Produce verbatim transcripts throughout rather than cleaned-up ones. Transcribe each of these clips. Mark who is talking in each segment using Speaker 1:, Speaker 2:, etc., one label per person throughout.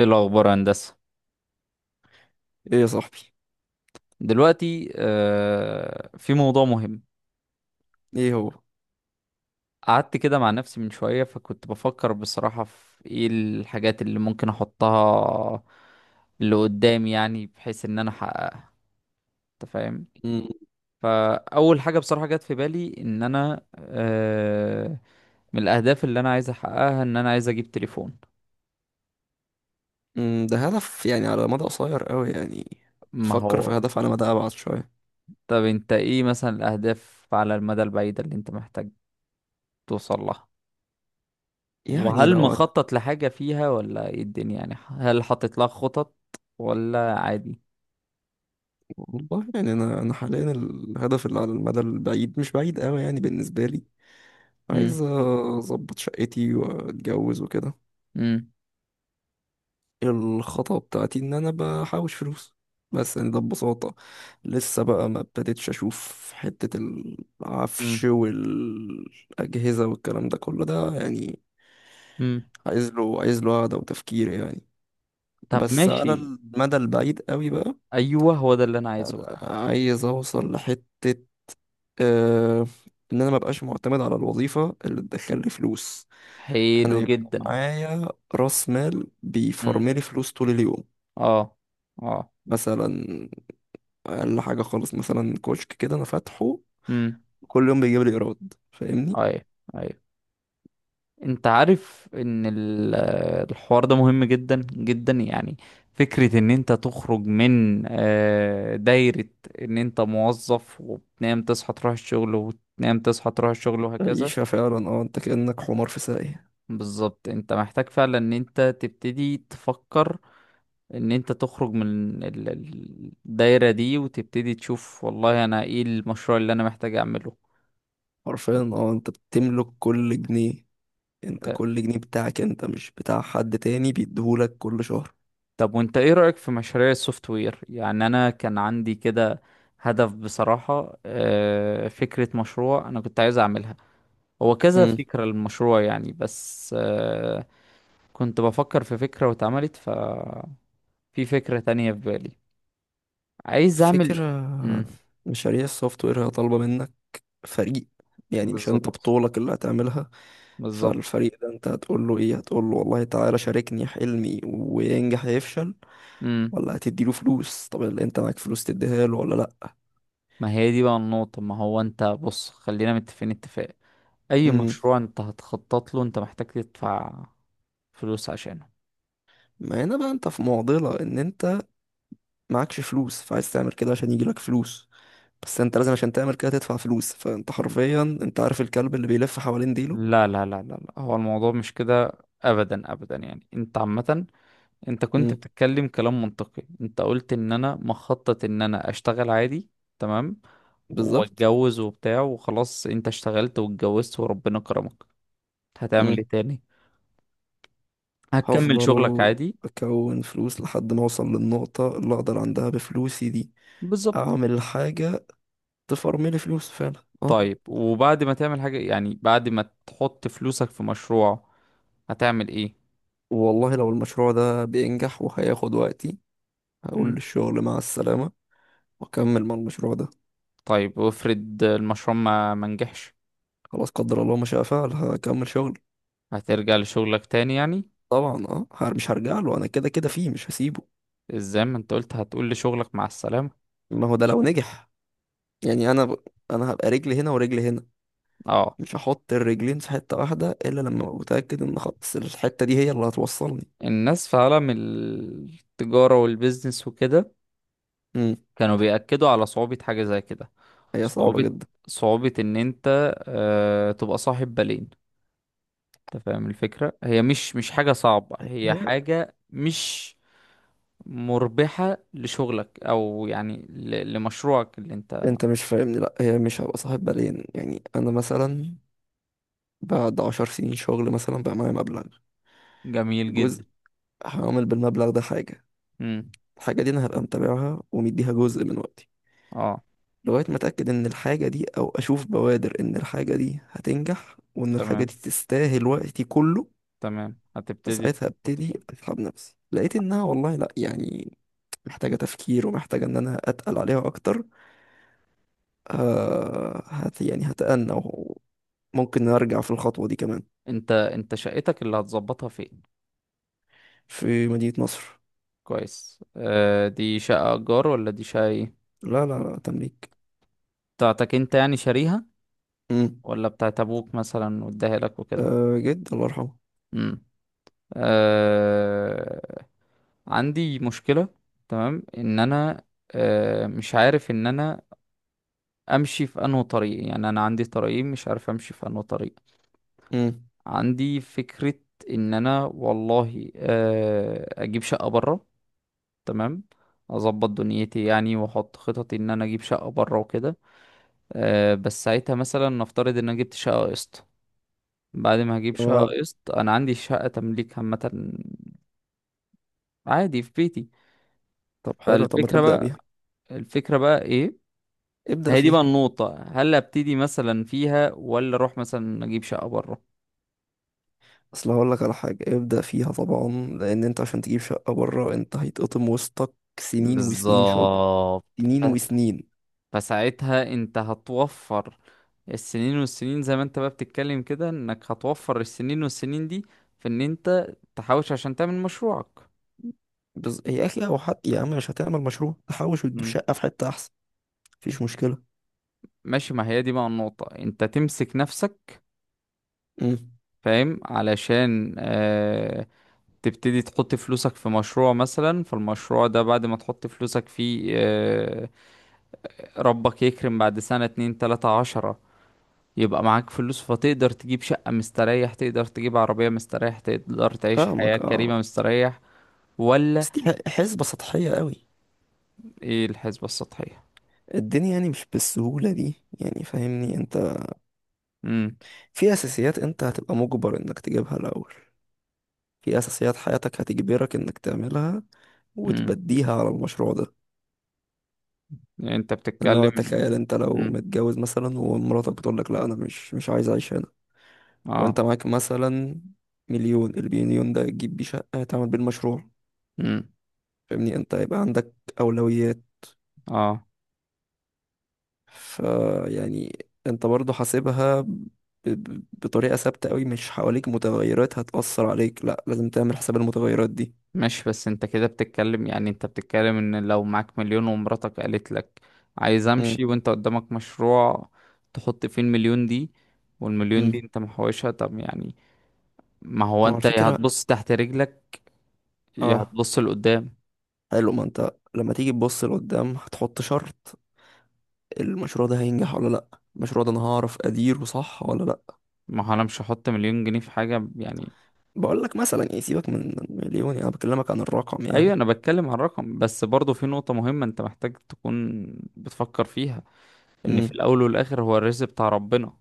Speaker 1: ايه الاخبار يا هندسه؟
Speaker 2: ايه يا صاحبي.
Speaker 1: دلوقتي آه في موضوع مهم.
Speaker 2: ايه هو؟
Speaker 1: قعدت كده مع نفسي من شويه فكنت بفكر بصراحه في ايه الحاجات اللي ممكن احطها اللي قدامي، يعني بحيث ان انا احققها. انت فاهم؟
Speaker 2: مم.
Speaker 1: فاول حاجه بصراحه جت في بالي ان انا آه من الاهداف اللي انا عايز احققها ان انا عايز اجيب تليفون.
Speaker 2: مم. ده هدف يعني على مدى قصير قوي يعني.
Speaker 1: ما
Speaker 2: تفكر في
Speaker 1: هو.
Speaker 2: هدف على مدى ابعد شويه؟
Speaker 1: طب انت ايه مثلا الاهداف على المدى البعيد اللي انت محتاج توصل لها؟
Speaker 2: يعني
Speaker 1: وهل
Speaker 2: لو هت...
Speaker 1: مخطط لحاجة فيها ولا ايه الدنيا؟ يعني هل حاطط لها خطط ولا عادي؟
Speaker 2: والله يعني انا انا حاليا الهدف اللي على المدى البعيد مش بعيد قوي يعني بالنسبه لي.
Speaker 1: امم.
Speaker 2: عايز اظبط شقتي واتجوز وكده.
Speaker 1: امم.
Speaker 2: الخطوه بتاعتي ان انا بحوش فلوس، بس يعني ده ببساطه. لسه بقى ما ابتديتش اشوف حته العفش
Speaker 1: امم.
Speaker 2: والاجهزه والكلام ده كله ده يعني.
Speaker 1: امم.
Speaker 2: عايز له عايز له قعدة وتفكير يعني،
Speaker 1: طب
Speaker 2: بس على
Speaker 1: ماشي.
Speaker 2: المدى البعيد قوي بقى.
Speaker 1: ايوه هو ده اللي انا عايزه بقى.
Speaker 2: عايز اوصل لحتة، آه ان انا مبقاش معتمد على الوظيفة اللي تدخلي فلوس. انا
Speaker 1: حلو
Speaker 2: يبقى
Speaker 1: جدا.
Speaker 2: معايا راس مال
Speaker 1: امم.
Speaker 2: بيفرملي فلوس طول اليوم.
Speaker 1: اه. اه.
Speaker 2: مثلا اقل حاجة خالص، مثلا كشك كده انا فاتحه
Speaker 1: امم.
Speaker 2: كل يوم بيجيب لي ايراد، فاهمني.
Speaker 1: ايوه. ايوه. انت عارف ان ال- آه، الحوار ده مهم جدا جدا، يعني فكرة ان انت تخرج من آه، دايرة ان انت موظف وبتنام تصحى تروح الشغل وبتنام تصحى تروح الشغل وهكذا.
Speaker 2: عيشة فعلا، اه، انت كأنك حمار في ساقية.
Speaker 1: بالظبط انت محتاج فعلا ان انت تبتدي تفكر ان انت تخرج من ال- ال- الدايرة دي وتبتدي تشوف والله انا ايه المشروع اللي انا محتاج اعمله.
Speaker 2: حرفيا، اه، انت بتملك كل جنيه. انت
Speaker 1: اه.
Speaker 2: كل جنيه بتاعك انت مش بتاع حد تاني بيديهولك كل شهر.
Speaker 1: طب وانت ايه رأيك في مشاريع السوفت وير؟ يعني انا كان عندي كده هدف بصراحة، اه، فكرة مشروع انا كنت عايز اعملها، هو كذا
Speaker 2: امم.
Speaker 1: فكرة للمشروع يعني. بس اه، كنت بفكر في فكرة واتعملت، ففي فكرة تانية في بالي عايز اعمل.
Speaker 2: فكرة.
Speaker 1: مم.
Speaker 2: مشاريع السوفت وير هي طالبة منك فريق، يعني مش انت
Speaker 1: بالظبط.
Speaker 2: بطولك اللي هتعملها.
Speaker 1: بالظبط.
Speaker 2: فالفريق ده انت هتقول له ايه؟ هتقول له والله تعالى شاركني حلمي وينجح يفشل؟
Speaker 1: امم.
Speaker 2: ولا هتديله فلوس؟ طب اللي انت معاك فلوس تديها له ولا لا؟
Speaker 1: ما هي دي بقى النقطة. ما هو انت بص خلينا متفقين اتفاق، اي
Speaker 2: امم.
Speaker 1: مشروع انت هتخطط له انت محتاج تدفع فلوس عشانه.
Speaker 2: ما هنا بقى انت في معضلة ان انت معكش فلوس فعايز تعمل كده عشان يجيلك فلوس، بس انت لازم عشان تعمل كده تدفع فلوس. فانت حرفيا انت عارف الكلب اللي بيلف حوالين ديله.
Speaker 1: لا لا لا لا لا، هو الموضوع مش كده ابدا ابدا. يعني انت عامة انت كنت
Speaker 2: مم.
Speaker 1: بتتكلم كلام منطقي. انت قلت ان انا مخطط ان انا اشتغل عادي. تمام.
Speaker 2: بالظبط.
Speaker 1: واتجوز وبتاع وخلاص، انت اشتغلت واتجوزت وربنا كرمك، هتعمل ايه
Speaker 2: مم.
Speaker 1: تاني؟ هتكمل شغلك
Speaker 2: هفضل
Speaker 1: عادي.
Speaker 2: أكون فلوس لحد ما أوصل للنقطة اللي أقدر عندها بفلوسي دي
Speaker 1: بالظبط.
Speaker 2: أعمل حاجة تفرملي فلوس فعلا، أه.
Speaker 1: طيب وبعد ما تعمل حاجة، يعني بعد ما تحط فلوسك في مشروع، هتعمل ايه؟
Speaker 2: والله لو المشروع ده بينجح وهياخد وقتي، هقول
Speaker 1: مم.
Speaker 2: للشغل مع السلامة وأكمل مع المشروع ده.
Speaker 1: طيب وافرض المشروع ما ما نجحش.
Speaker 2: خلاص، قدر الله ما شاء فعل، هكمل شغل.
Speaker 1: هترجع لشغلك تاني يعني؟
Speaker 2: طبعا أه، هر- مش هرجع له، أنا كده كده فيه مش هسيبه.
Speaker 1: ازاي ما انت قلت هتقول لشغلك مع السلامة.
Speaker 2: ما هو ده لو نجح. يعني أنا ب... أنا هبقى رجلي هنا ورجلي هنا،
Speaker 1: اه.
Speaker 2: مش هحط الرجلين في حتة واحدة إلا لما أبقى متأكد إن خلاص الحتة دي هي اللي هتوصلني.
Speaker 1: الناس في عالم التجارة والبيزنس وكده
Speaker 2: مم.
Speaker 1: كانوا بيأكدوا على صعوبة حاجة زي كده.
Speaker 2: هي صعبة
Speaker 1: صعوبة
Speaker 2: جدا.
Speaker 1: صعوبة ان انت آه تبقى صاحب بالين. انت فاهم الفكرة؟ هي مش مش حاجة صعبة، هي
Speaker 2: هي
Speaker 1: حاجة مش مربحة لشغلك، او يعني ل- لمشروعك اللي انت.
Speaker 2: أنت مش فاهمني، لأ، هي مش هبقى صاحب بالين. يعني أنا مثلا بعد عشر سنين شغل مثلا بقى معايا مبلغ،
Speaker 1: جميل جدا.
Speaker 2: جزء هعمل بالمبلغ ده حاجة.
Speaker 1: امم.
Speaker 2: الحاجة دي أنا هبقى متابعها ومديها جزء من وقتي
Speaker 1: اه.
Speaker 2: لغاية ما أتأكد إن الحاجة دي، أو أشوف بوادر إن الحاجة دي هتنجح وإن الحاجة دي
Speaker 1: تمام.
Speaker 2: تستاهل وقتي كله.
Speaker 1: تمام هتبتدي
Speaker 2: فساعتها
Speaker 1: تحط
Speaker 2: ابتدي
Speaker 1: فيها.
Speaker 2: اسحب نفسي. لقيت انها والله لا يعني محتاجة تفكير ومحتاجة إن أنا أتقل عليها أكتر، آه هت يعني هتأنى وممكن أرجع في الخطوة دي كمان.
Speaker 1: انت انت شقتك اللي هتظبطها فين؟
Speaker 2: في مدينة نصر.
Speaker 1: كويس. آه دي شقة ايجار ولا دي شقة ايه؟
Speaker 2: لا، لا، لا، تمليك.
Speaker 1: بتاعتك انت، يعني شاريها،
Speaker 2: مم.
Speaker 1: ولا بتاعت ابوك مثلا واداها لك وكده؟
Speaker 2: آه، جد الله يرحمه.
Speaker 1: امم. آه. عندي مشكلة. تمام ان انا آه مش عارف ان انا امشي في انه طريق. يعني انا عندي طريقين مش عارف امشي في انه طريق.
Speaker 2: مم.
Speaker 1: عندي فكرة ان انا والله آه، اجيب شقة برا. تمام. اظبط دنيتي، يعني واحط خططي ان انا اجيب شقة برا وكده. آه، بس ساعتها مثلا نفترض ان انا جبت شقة قسط. بعد ما هجيب شقة
Speaker 2: آه.
Speaker 1: قسط انا عندي شقة تمليك عامة، عادي في بيتي.
Speaker 2: طب حلو، طب ما
Speaker 1: فالفكرة
Speaker 2: تبدأ
Speaker 1: بقى،
Speaker 2: بيها،
Speaker 1: الفكرة بقى ايه؟
Speaker 2: ابدأ
Speaker 1: هي دي بقى
Speaker 2: فيها.
Speaker 1: النقطة، هل ابتدي مثلا فيها ولا اروح مثلا اجيب شقة برا؟
Speaker 2: أصل هقول لك على حاجة، ابدأ فيها طبعا، لأن أنت عشان تجيب شقة بره أنت هيتقطم وسطك سنين وسنين شغل،
Speaker 1: بالظبط.
Speaker 2: سنين وسنين.
Speaker 1: فساعتها انت هتوفر السنين والسنين، زي ما انت بقى بتتكلم كده انك هتوفر السنين والسنين دي في ان انت تحوش عشان تعمل مشروعك.
Speaker 2: بز... يا أخي أو حتى يا عم، مش هتعمل مشروع تحوش وتجيب
Speaker 1: مم.
Speaker 2: شقة في حتة أحسن؟ مفيش مشكلة.
Speaker 1: ماشي، ما هي دي بقى النقطة، انت تمسك نفسك
Speaker 2: مم.
Speaker 1: فاهم علشان آه تبتدي تحط فلوسك في مشروع مثلا، فالمشروع ده بعد ما تحط فلوسك فيه آه ربك يكرم بعد سنة اتنين تلاتة عشرة، يبقى معاك فلوس فتقدر تجيب شقة مستريح، تقدر تجيب عربية مستريح، تقدر تعيش حياة
Speaker 2: فاهمك اه،
Speaker 1: كريمة مستريح. ولا؟
Speaker 2: بس دي حسبة سطحية قوي.
Speaker 1: ايه الحسبة السطحية؟
Speaker 2: الدنيا يعني مش بالسهولة دي، يعني فاهمني انت.
Speaker 1: امم.
Speaker 2: في اساسيات انت هتبقى مجبر انك تجيبها الاول، في اساسيات حياتك هتجبرك انك تعملها
Speaker 1: امم.
Speaker 2: وتبديها على المشروع ده.
Speaker 1: يعني انت
Speaker 2: اللي هو
Speaker 1: بتتكلم.
Speaker 2: تخيل انت لو
Speaker 1: امم.
Speaker 2: متجوز مثلا ومراتك بتقول لك لا، انا مش مش عايز اعيش هنا
Speaker 1: اه.
Speaker 2: وانت معاك مثلا مليون. المليون ده تجيب بيه شقة تعمل بيه المشروع؟
Speaker 1: امم.
Speaker 2: فاهمني انت هيبقى عندك اولويات.
Speaker 1: اه.
Speaker 2: فيعني انت برضو حاسبها ب- ب- بطريقة ثابتة قوي، مش حواليك متغيرات هتأثر عليك؟ لا، لازم تعمل حساب المتغيرات دي.
Speaker 1: ماشي، بس انت كده بتتكلم، يعني انت بتتكلم ان لو معاك مليون ومراتك قالت لك عايز
Speaker 2: امم.
Speaker 1: امشي وانت قدامك مشروع تحط فيه المليون دي، والمليون دي
Speaker 2: امم.
Speaker 1: انت محوشها طب يعني، ما هو
Speaker 2: ما هو
Speaker 1: انت يا
Speaker 2: الفكرة.
Speaker 1: هتبص تحت رجلك يا
Speaker 2: اه.
Speaker 1: هتبص لقدام.
Speaker 2: حلو، ما انت لما تيجي تبص لقدام هتحط شرط المشروع ده هينجح ولا لا، المشروع ده انا هعرف اديره صح ولا لا.
Speaker 1: ما هو انا مش هحط مليون جنيه في حاجة يعني.
Speaker 2: بقول لك مثلا، يعني سيبك من مليون، انا بكلمك عن الرقم يعني.
Speaker 1: ايوه انا بتكلم عن رقم، بس برضه في نقطة مهمة انت محتاج تكون بتفكر فيها، ان في
Speaker 2: امم.
Speaker 1: الاول والاخر هو الرزق بتاع ربنا.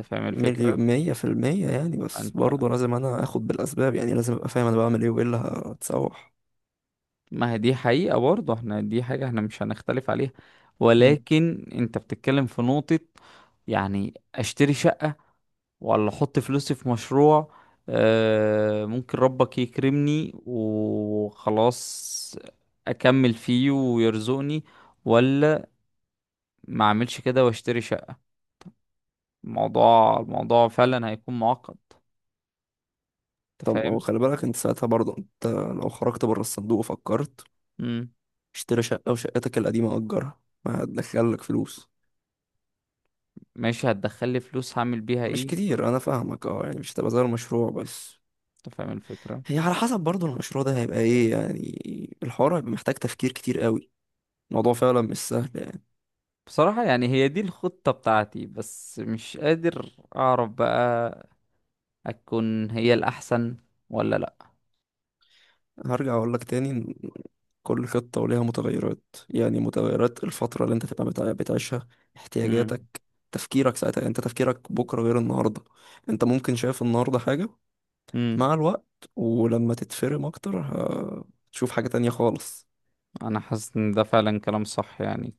Speaker 1: انت فاهم
Speaker 2: مليون
Speaker 1: الفكرة؟
Speaker 2: مية في المية يعني، بس
Speaker 1: انت،
Speaker 2: برضه لازم انا اخد بالاسباب يعني، لازم ابقى فاهم انا بعمل ايه وايه اللي هتسوح.
Speaker 1: ما هي دي حقيقة برضه، احنا دي حاجة احنا مش هنختلف عليها. ولكن انت بتتكلم في نقطة، يعني اشتري شقة ولا احط فلوسي في مشروع. آه، ممكن ربك يكرمني وخلاص اكمل فيه ويرزقني، ولا ما اعملش كده واشتري شقة. الموضوع الموضوع فعلا هيكون معقد. انت
Speaker 2: طب ما هو
Speaker 1: فاهم؟
Speaker 2: خلي بالك انت ساعتها برضه، انت لو خرجت بره الصندوق وفكرت
Speaker 1: امم.
Speaker 2: اشتري شقة وشقتك القديمة أجرها، ما هتدخلك فلوس؟
Speaker 1: ماشي هتدخل لي فلوس، هعمل بيها
Speaker 2: مش
Speaker 1: ايه؟
Speaker 2: كتير، أنا فاهمك اه، يعني مش هتبقى زي المشروع، بس
Speaker 1: انت فاهم الفكرة؟
Speaker 2: هي على حسب برضه المشروع ده هيبقى ايه، يعني الحوار هيبقى محتاج تفكير كتير قوي. الموضوع فعلا مش سهل يعني.
Speaker 1: بصراحة يعني هي دي الخطة بتاعتي، بس مش قادر اعرف بقى اكون هي الاحسن ولا لا.
Speaker 2: هرجع أقول لك تاني إن كل خطة وليها متغيرات، يعني متغيرات الفترة اللي انت تبقى بتع- بتعيشها،
Speaker 1: امم.
Speaker 2: احتياجاتك، تفكيرك ساعتها. يعني انت تفكيرك بكرة غير النهاردة. انت ممكن شايف النهاردة حاجة،
Speaker 1: امم.
Speaker 2: مع الوقت ولما تتفرم اكتر هتشوف حاجة تانية خالص.
Speaker 1: انا حاسس ان ده فعلا كلام صح يعني،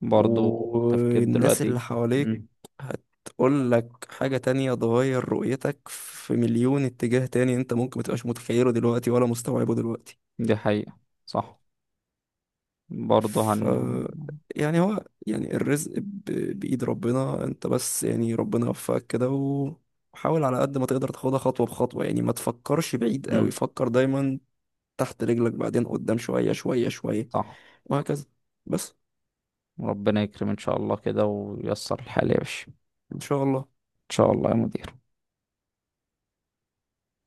Speaker 1: برضو التفكير
Speaker 2: والناس
Speaker 1: دلوقتي.
Speaker 2: اللي حواليك
Speaker 1: امم.
Speaker 2: هتقول لك حاجة تانية تغير رؤيتك في مليون اتجاه تاني انت ممكن متبقاش متخيله دلوقتي ولا مستوعبه دلوقتي.
Speaker 1: دي حقيقة. صح. برضو
Speaker 2: ف
Speaker 1: هن
Speaker 2: يعني هو يعني الرزق ب- بإيد ربنا. انت بس يعني ربنا يوفقك كده و- وحاول على قد ما تقدر تاخدها خطوة بخطوة. يعني ما تفكرش بعيد قوي،
Speaker 1: امم.
Speaker 2: فكر دايما تحت رجلك بعدين قدام، شوية شوية شوية،
Speaker 1: صح.
Speaker 2: وهكذا. بس.
Speaker 1: ربنا يكرم ان شاء الله كده وييسر الحال يا باشا، ان
Speaker 2: ان شاء الله.
Speaker 1: شاء الله يا مدير.